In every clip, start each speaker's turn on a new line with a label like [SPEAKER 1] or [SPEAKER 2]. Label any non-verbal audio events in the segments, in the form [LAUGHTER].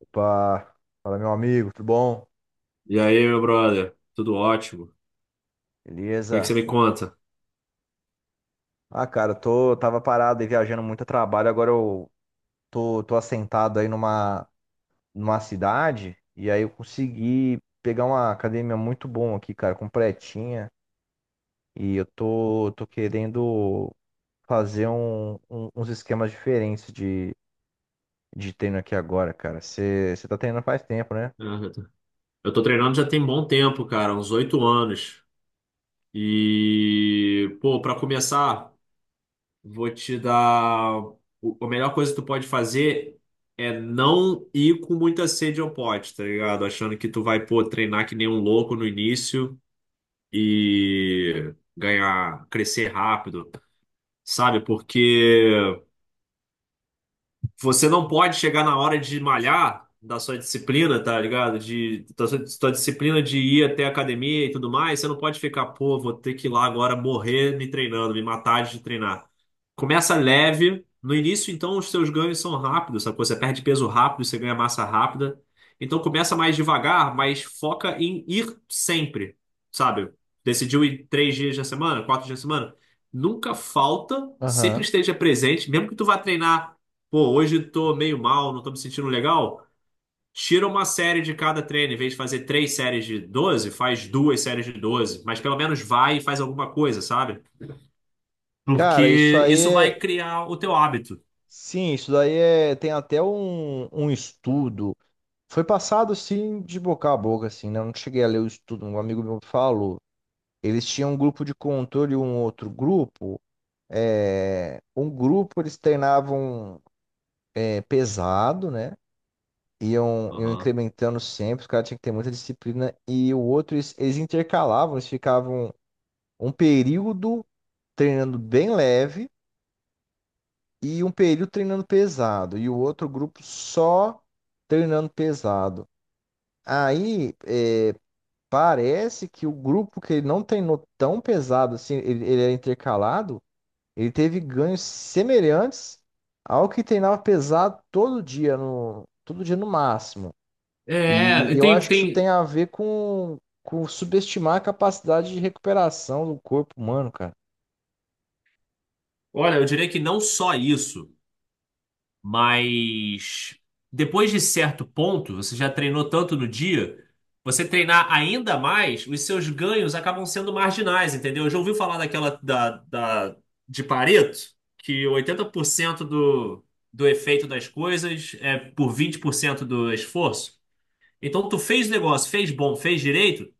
[SPEAKER 1] Opa, fala meu amigo, tudo bom?
[SPEAKER 2] E aí, meu brother? Tudo ótimo? O que é que você
[SPEAKER 1] Beleza?
[SPEAKER 2] me conta?
[SPEAKER 1] Ah, cara, tava parado aí viajando muito a trabalho, agora eu tô assentado aí numa cidade e aí eu consegui pegar uma academia muito bom aqui, cara, completinha e eu tô querendo fazer uns esquemas diferentes de treino aqui agora, cara. Você tá treinando faz tempo, né?
[SPEAKER 2] Ah, Eu tô eu tô treinando já tem bom tempo, cara, uns 8 anos. E, pô, pra começar, vou te dar. A melhor coisa que tu pode fazer é não ir com muita sede ao pote, tá ligado? Achando que tu vai, pô, treinar que nem um louco no início e ganhar, crescer rápido, sabe? Porque. Você não pode chegar na hora de malhar da sua disciplina, tá ligado? Da sua disciplina de ir até a academia e tudo mais. Você não pode ficar, pô, vou ter que ir lá agora morrer me treinando, me matar de treinar. Começa leve. No início, então, os seus ganhos são rápidos, sabe? Você perde peso rápido, você ganha massa rápida. Então, começa mais devagar, mas foca em ir sempre, sabe? Decidiu ir 3 dias da semana, 4 dias da semana? Nunca falta, sempre
[SPEAKER 1] Aham.
[SPEAKER 2] esteja presente, mesmo que tu vá treinar. Pô, hoje tô meio mal, não tô me sentindo legal. Tira uma série de cada treino. Em vez de fazer 3 séries de 12, faz 2 séries de 12. Mas pelo menos vai e faz alguma coisa, sabe?
[SPEAKER 1] Cara, isso
[SPEAKER 2] Porque
[SPEAKER 1] aí
[SPEAKER 2] isso vai
[SPEAKER 1] é.
[SPEAKER 2] criar o teu hábito.
[SPEAKER 1] Sim, isso daí é. Tem até um estudo. Foi passado assim de boca a boca, assim, né? Eu não cheguei a ler o estudo, um amigo meu falou. Eles tinham um grupo de controle e um outro grupo. Um grupo eles treinavam pesado, né? Iam
[SPEAKER 2] Aham.
[SPEAKER 1] incrementando sempre, os caras tinham que ter muita disciplina. E o outro, eles intercalavam, eles ficavam um período treinando bem leve e um período treinando pesado. E o outro grupo só treinando pesado. Aí parece que o grupo que ele não treinou tão pesado assim, ele era intercalado, ele teve ganhos semelhantes ao que treinava pesado todo dia todo dia no máximo. E
[SPEAKER 2] É,
[SPEAKER 1] eu
[SPEAKER 2] tem,
[SPEAKER 1] acho que isso tem
[SPEAKER 2] tem.
[SPEAKER 1] a ver com subestimar a capacidade de recuperação do corpo humano, cara.
[SPEAKER 2] Olha, eu diria que não só isso. Mas depois de certo ponto, você já treinou tanto no dia, você treinar ainda mais, os seus ganhos acabam sendo marginais, entendeu? Já ouviu falar daquela de Pareto, que 80% do efeito das coisas é por 20% do esforço? Então, tu fez o negócio, fez bom, fez direito,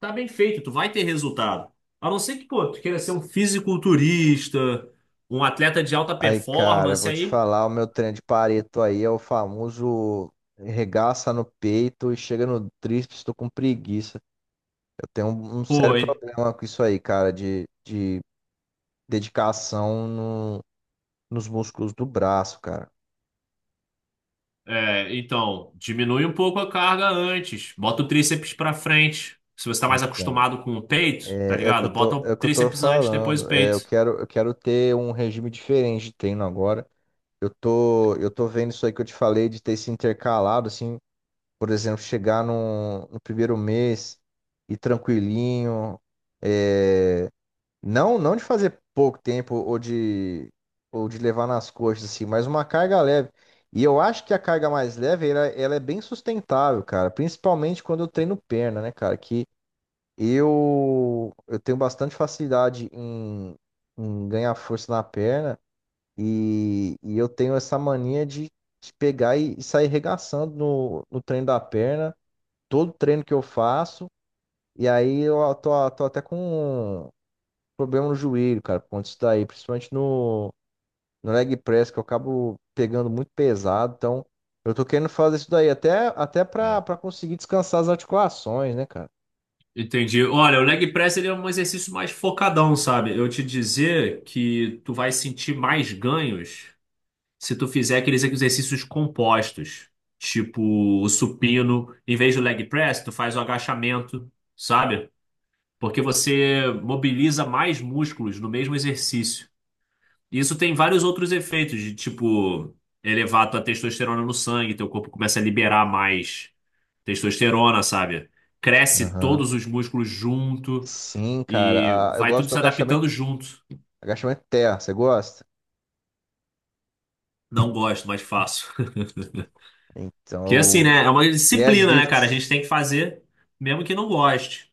[SPEAKER 2] tá bem feito, tu vai ter resultado. A não ser que, pô, tu queira ser um fisiculturista, um atleta de alta
[SPEAKER 1] Aí, cara, eu
[SPEAKER 2] performance,
[SPEAKER 1] vou te
[SPEAKER 2] aí.
[SPEAKER 1] falar, o meu treino de Pareto aí é o famoso regaça no peito e chega no tríceps, tô com preguiça. Eu tenho um
[SPEAKER 2] Pô,
[SPEAKER 1] sério problema com isso aí, cara, de dedicação no, nos músculos do braço, cara.
[SPEAKER 2] é, então, diminui um pouco a carga antes. Bota o tríceps pra frente. Se você tá mais
[SPEAKER 1] Então,
[SPEAKER 2] acostumado com o peito, tá
[SPEAKER 1] É, é o que eu
[SPEAKER 2] ligado? Bota
[SPEAKER 1] tô, é
[SPEAKER 2] o
[SPEAKER 1] o que eu tô
[SPEAKER 2] tríceps antes, depois o
[SPEAKER 1] falando. É,
[SPEAKER 2] peito.
[SPEAKER 1] eu quero ter um regime diferente de treino agora. Eu tô vendo isso aí que eu te falei de ter se intercalado, assim, por exemplo, chegar no primeiro mês e tranquilinho. é, Não, não de fazer pouco tempo ou de levar nas coxas, assim, mas uma carga leve. E eu acho que a carga mais leve, ela é bem sustentável, cara. Principalmente quando eu treino perna, né, cara? Que eu tenho bastante facilidade em ganhar força na perna e eu tenho essa mania de pegar e sair regaçando no treino da perna, todo treino que eu faço. E aí tô até com problema no joelho, cara, por conta disso daí, principalmente no leg press, que eu acabo pegando muito pesado, então eu tô querendo fazer isso daí até pra, pra
[SPEAKER 2] É.
[SPEAKER 1] conseguir descansar as articulações, né, cara?
[SPEAKER 2] Entendi. Olha, o leg press ele é um exercício mais focadão, sabe? Eu te dizer que tu vai sentir mais ganhos se tu fizer aqueles exercícios compostos, tipo o supino, em vez do leg press, tu faz o agachamento, sabe? Porque você mobiliza mais músculos no mesmo exercício. Isso tem vários outros efeitos, de tipo, elevar tua testosterona no sangue, teu corpo começa a liberar mais testosterona, sabe? Cresce
[SPEAKER 1] Aham.
[SPEAKER 2] todos os músculos junto
[SPEAKER 1] Sim,
[SPEAKER 2] e
[SPEAKER 1] cara, eu
[SPEAKER 2] vai
[SPEAKER 1] gosto
[SPEAKER 2] tudo
[SPEAKER 1] do
[SPEAKER 2] se
[SPEAKER 1] agachamento,
[SPEAKER 2] adaptando junto.
[SPEAKER 1] agachamento terra, você gosta?
[SPEAKER 2] Não gosto, mas faço. [LAUGHS] Que é assim,
[SPEAKER 1] Então,
[SPEAKER 2] né? É uma
[SPEAKER 1] o
[SPEAKER 2] disciplina, né, cara? A
[SPEAKER 1] deadlift,
[SPEAKER 2] gente tem que fazer, mesmo que não goste.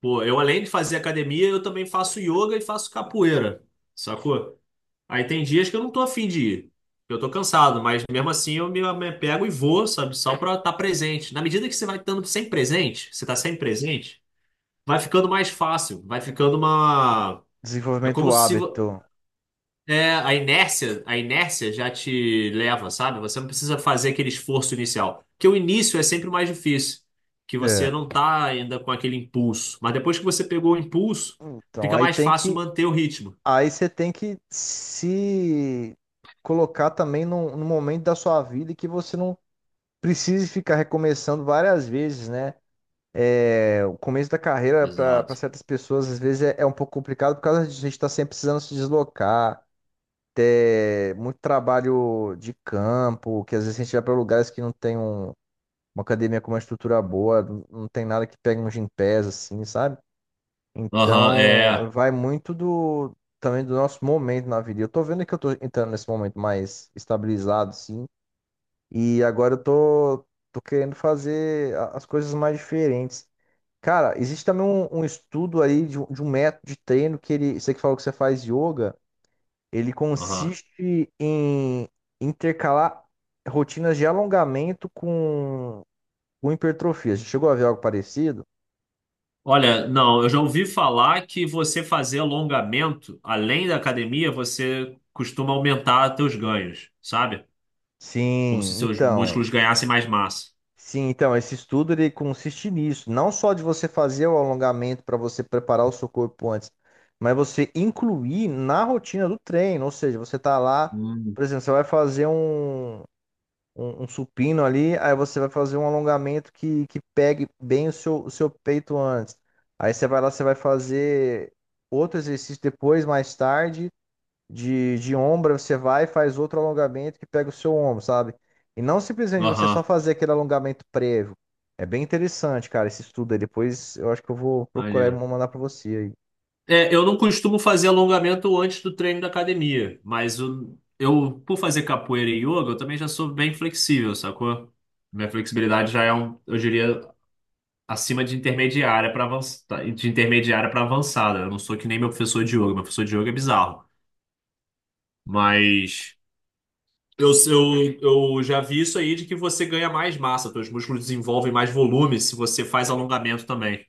[SPEAKER 2] Pô, eu além de fazer academia, eu também faço yoga e faço capoeira, sacou? Aí tem dias que eu não tô afim de ir. Eu tô cansado, mas mesmo assim eu me pego e vou, sabe? Só pra estar presente. Na medida que você vai estando sem presente, você tá sem presente, vai ficando mais fácil, vai ficando uma. É
[SPEAKER 1] desenvolvimento
[SPEAKER 2] como
[SPEAKER 1] do
[SPEAKER 2] se vo-
[SPEAKER 1] hábito.
[SPEAKER 2] É, a inércia já te leva, sabe? Você não precisa fazer aquele esforço inicial. Porque o início é sempre o mais difícil, que você
[SPEAKER 1] É.
[SPEAKER 2] não tá ainda com aquele impulso. Mas depois que você pegou o impulso,
[SPEAKER 1] Então,
[SPEAKER 2] fica mais fácil manter o ritmo.
[SPEAKER 1] aí você tem que se colocar também num momento da sua vida que você não precise ficar recomeçando várias vezes, né? É, o começo da carreira para
[SPEAKER 2] Exato.
[SPEAKER 1] certas pessoas às vezes é um pouco complicado por causa disso. A gente está sempre precisando se deslocar, ter muito trabalho de campo, que às vezes a gente vai para lugares que não tem uma academia com uma estrutura boa, não tem nada que pegue um gympass assim, sabe?
[SPEAKER 2] Aham,
[SPEAKER 1] Então
[SPEAKER 2] é.
[SPEAKER 1] vai muito do também do nosso momento na vida. Eu tô vendo que eu tô entrando nesse momento mais estabilizado, assim. E agora tô querendo fazer as coisas mais diferentes. Cara, existe também um estudo aí de um método de treino que ele, você que falou que você faz yoga, ele
[SPEAKER 2] Aham.
[SPEAKER 1] consiste em intercalar rotinas de alongamento com hipertrofia. Você chegou a ver algo parecido?
[SPEAKER 2] Olha, não, eu já ouvi falar que você fazer alongamento, além da academia, você costuma aumentar seus ganhos, sabe? Como se
[SPEAKER 1] Sim,
[SPEAKER 2] seus
[SPEAKER 1] então.
[SPEAKER 2] músculos ganhassem mais massa.
[SPEAKER 1] Sim, então, esse estudo ele consiste nisso, não só de você fazer o alongamento para você preparar o seu corpo antes, mas você incluir na rotina do treino, ou seja, você tá lá,
[SPEAKER 2] Hum.
[SPEAKER 1] por exemplo, você vai fazer um supino ali, aí você vai fazer um alongamento que pegue bem o seu peito antes. Aí você vai lá, você vai fazer outro exercício depois, mais tarde, de ombro, você vai e faz outro alongamento que pega o seu ombro, sabe? E não simplesmente você só
[SPEAKER 2] Aham,
[SPEAKER 1] fazer aquele alongamento prévio. É bem interessante, cara, esse estudo aí. Depois eu acho que eu vou procurar e vou
[SPEAKER 2] maneiro.
[SPEAKER 1] mandar pra você aí.
[SPEAKER 2] É, eu não costumo fazer alongamento antes do treino da academia, mas eu, por fazer capoeira e yoga, eu também já sou bem flexível, sacou? Minha flexibilidade já é um, eu diria, acima de intermediária para avançada, de intermediária para avançada. Eu não sou que nem meu professor de yoga, meu professor de yoga é bizarro. Mas eu, eu, eu já vi isso aí de que você ganha mais massa, seus músculos desenvolvem mais volume se você faz alongamento também.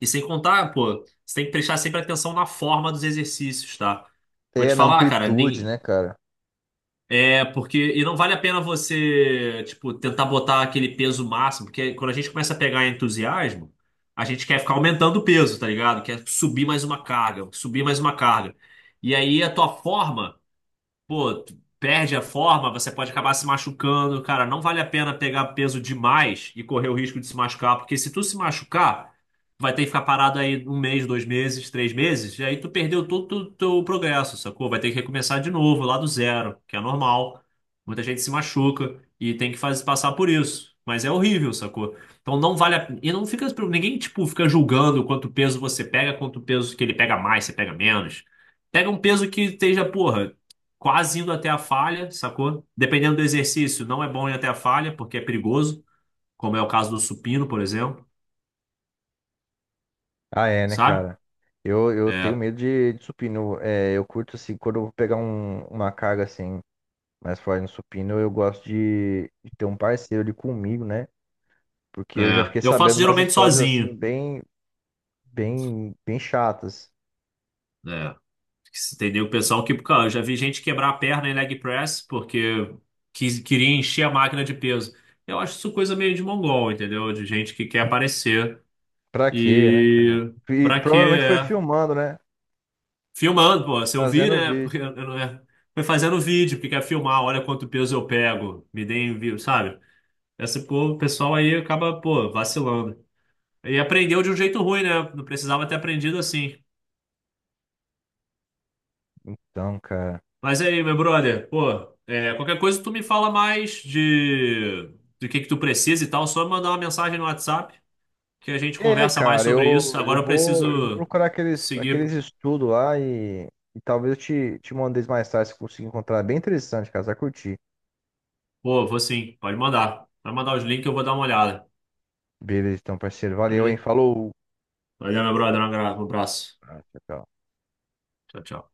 [SPEAKER 2] E sem contar, pô, você tem que prestar sempre atenção na forma dos exercícios, tá? Vou
[SPEAKER 1] É,
[SPEAKER 2] te
[SPEAKER 1] na
[SPEAKER 2] falar, cara,
[SPEAKER 1] amplitude,
[SPEAKER 2] nem,
[SPEAKER 1] né, cara?
[SPEAKER 2] é porque e não vale a pena você, tipo, tentar botar aquele peso máximo, porque quando a gente começa a pegar entusiasmo, a gente quer ficar aumentando o peso, tá ligado? Quer subir mais uma carga, subir mais uma carga. E aí a tua forma pô, tu perde a forma, você pode acabar se machucando. Cara, não vale a pena pegar peso demais e correr o risco de se machucar, porque se tu se machucar, vai ter que ficar parado aí 1 mês, 2 meses, 3 meses, e aí tu perdeu todo o teu progresso, sacou? Vai ter que recomeçar de novo, lá do zero, que é normal. Muita gente se machuca e tem que fazer, passar por isso. Mas é horrível, sacou? Então não vale a pena. E não fica. Ninguém, tipo, fica julgando quanto peso você pega, quanto peso que ele pega mais, você pega menos. Pega um peso que esteja, porra, quase indo até a falha, sacou? Dependendo do exercício, não é bom ir até a falha, porque é perigoso, como é o caso do supino, por exemplo,
[SPEAKER 1] Ah, é, né,
[SPEAKER 2] sabe?
[SPEAKER 1] cara? Eu tenho
[SPEAKER 2] É,
[SPEAKER 1] medo de supino. É, eu curto, assim, quando eu vou pegar uma carga, assim, mais forte no supino, eu gosto de ter um parceiro ali comigo, né? Porque eu já
[SPEAKER 2] é.
[SPEAKER 1] fiquei
[SPEAKER 2] Eu
[SPEAKER 1] sabendo
[SPEAKER 2] faço
[SPEAKER 1] umas
[SPEAKER 2] geralmente
[SPEAKER 1] histórias, assim,
[SPEAKER 2] sozinho,
[SPEAKER 1] bem chatas.
[SPEAKER 2] né? Entendeu? O pessoal que, cara, eu já vi gente quebrar a perna em leg press porque queria encher a máquina de peso. Eu acho isso coisa meio de mongol, entendeu? De gente que quer aparecer
[SPEAKER 1] Pra quê, né, cara?
[SPEAKER 2] e
[SPEAKER 1] E
[SPEAKER 2] pra quê?
[SPEAKER 1] provavelmente foi
[SPEAKER 2] É.
[SPEAKER 1] filmando, né?
[SPEAKER 2] Filmando, pô, se eu vi,
[SPEAKER 1] Trazendo o
[SPEAKER 2] né? Porque
[SPEAKER 1] vídeo.
[SPEAKER 2] eu não é. Foi fazendo vídeo, porque quer filmar, olha quanto peso eu pego, me deem vídeo, sabe? Essa, pô, o pessoal aí acaba, pô, vacilando. E aprendeu de um jeito ruim, né? Não precisava ter aprendido assim.
[SPEAKER 1] Então, cara.
[SPEAKER 2] Mas aí, meu brother, pô, é, qualquer coisa tu me fala mais de do que tu precisa e tal, só mandar uma mensagem no WhatsApp que a gente
[SPEAKER 1] É,
[SPEAKER 2] conversa mais
[SPEAKER 1] cara,
[SPEAKER 2] sobre isso. Agora eu
[SPEAKER 1] eu vou
[SPEAKER 2] preciso
[SPEAKER 1] procurar aqueles
[SPEAKER 2] seguir.
[SPEAKER 1] estudos lá e talvez te mande eles mais tarde se eu conseguir encontrar. É bem interessante, cara. Você vai curtir.
[SPEAKER 2] Pô, vou sim, pode mandar. Vai mandar os links que eu vou dar uma olhada.
[SPEAKER 1] Beleza, então, parceiro.
[SPEAKER 2] Tá
[SPEAKER 1] Valeu, hein?
[SPEAKER 2] beleza?
[SPEAKER 1] Falou.
[SPEAKER 2] Valeu, meu brother. Um abraço. Um abraço.
[SPEAKER 1] Ah, tchau, tchau.
[SPEAKER 2] Tchau, tchau.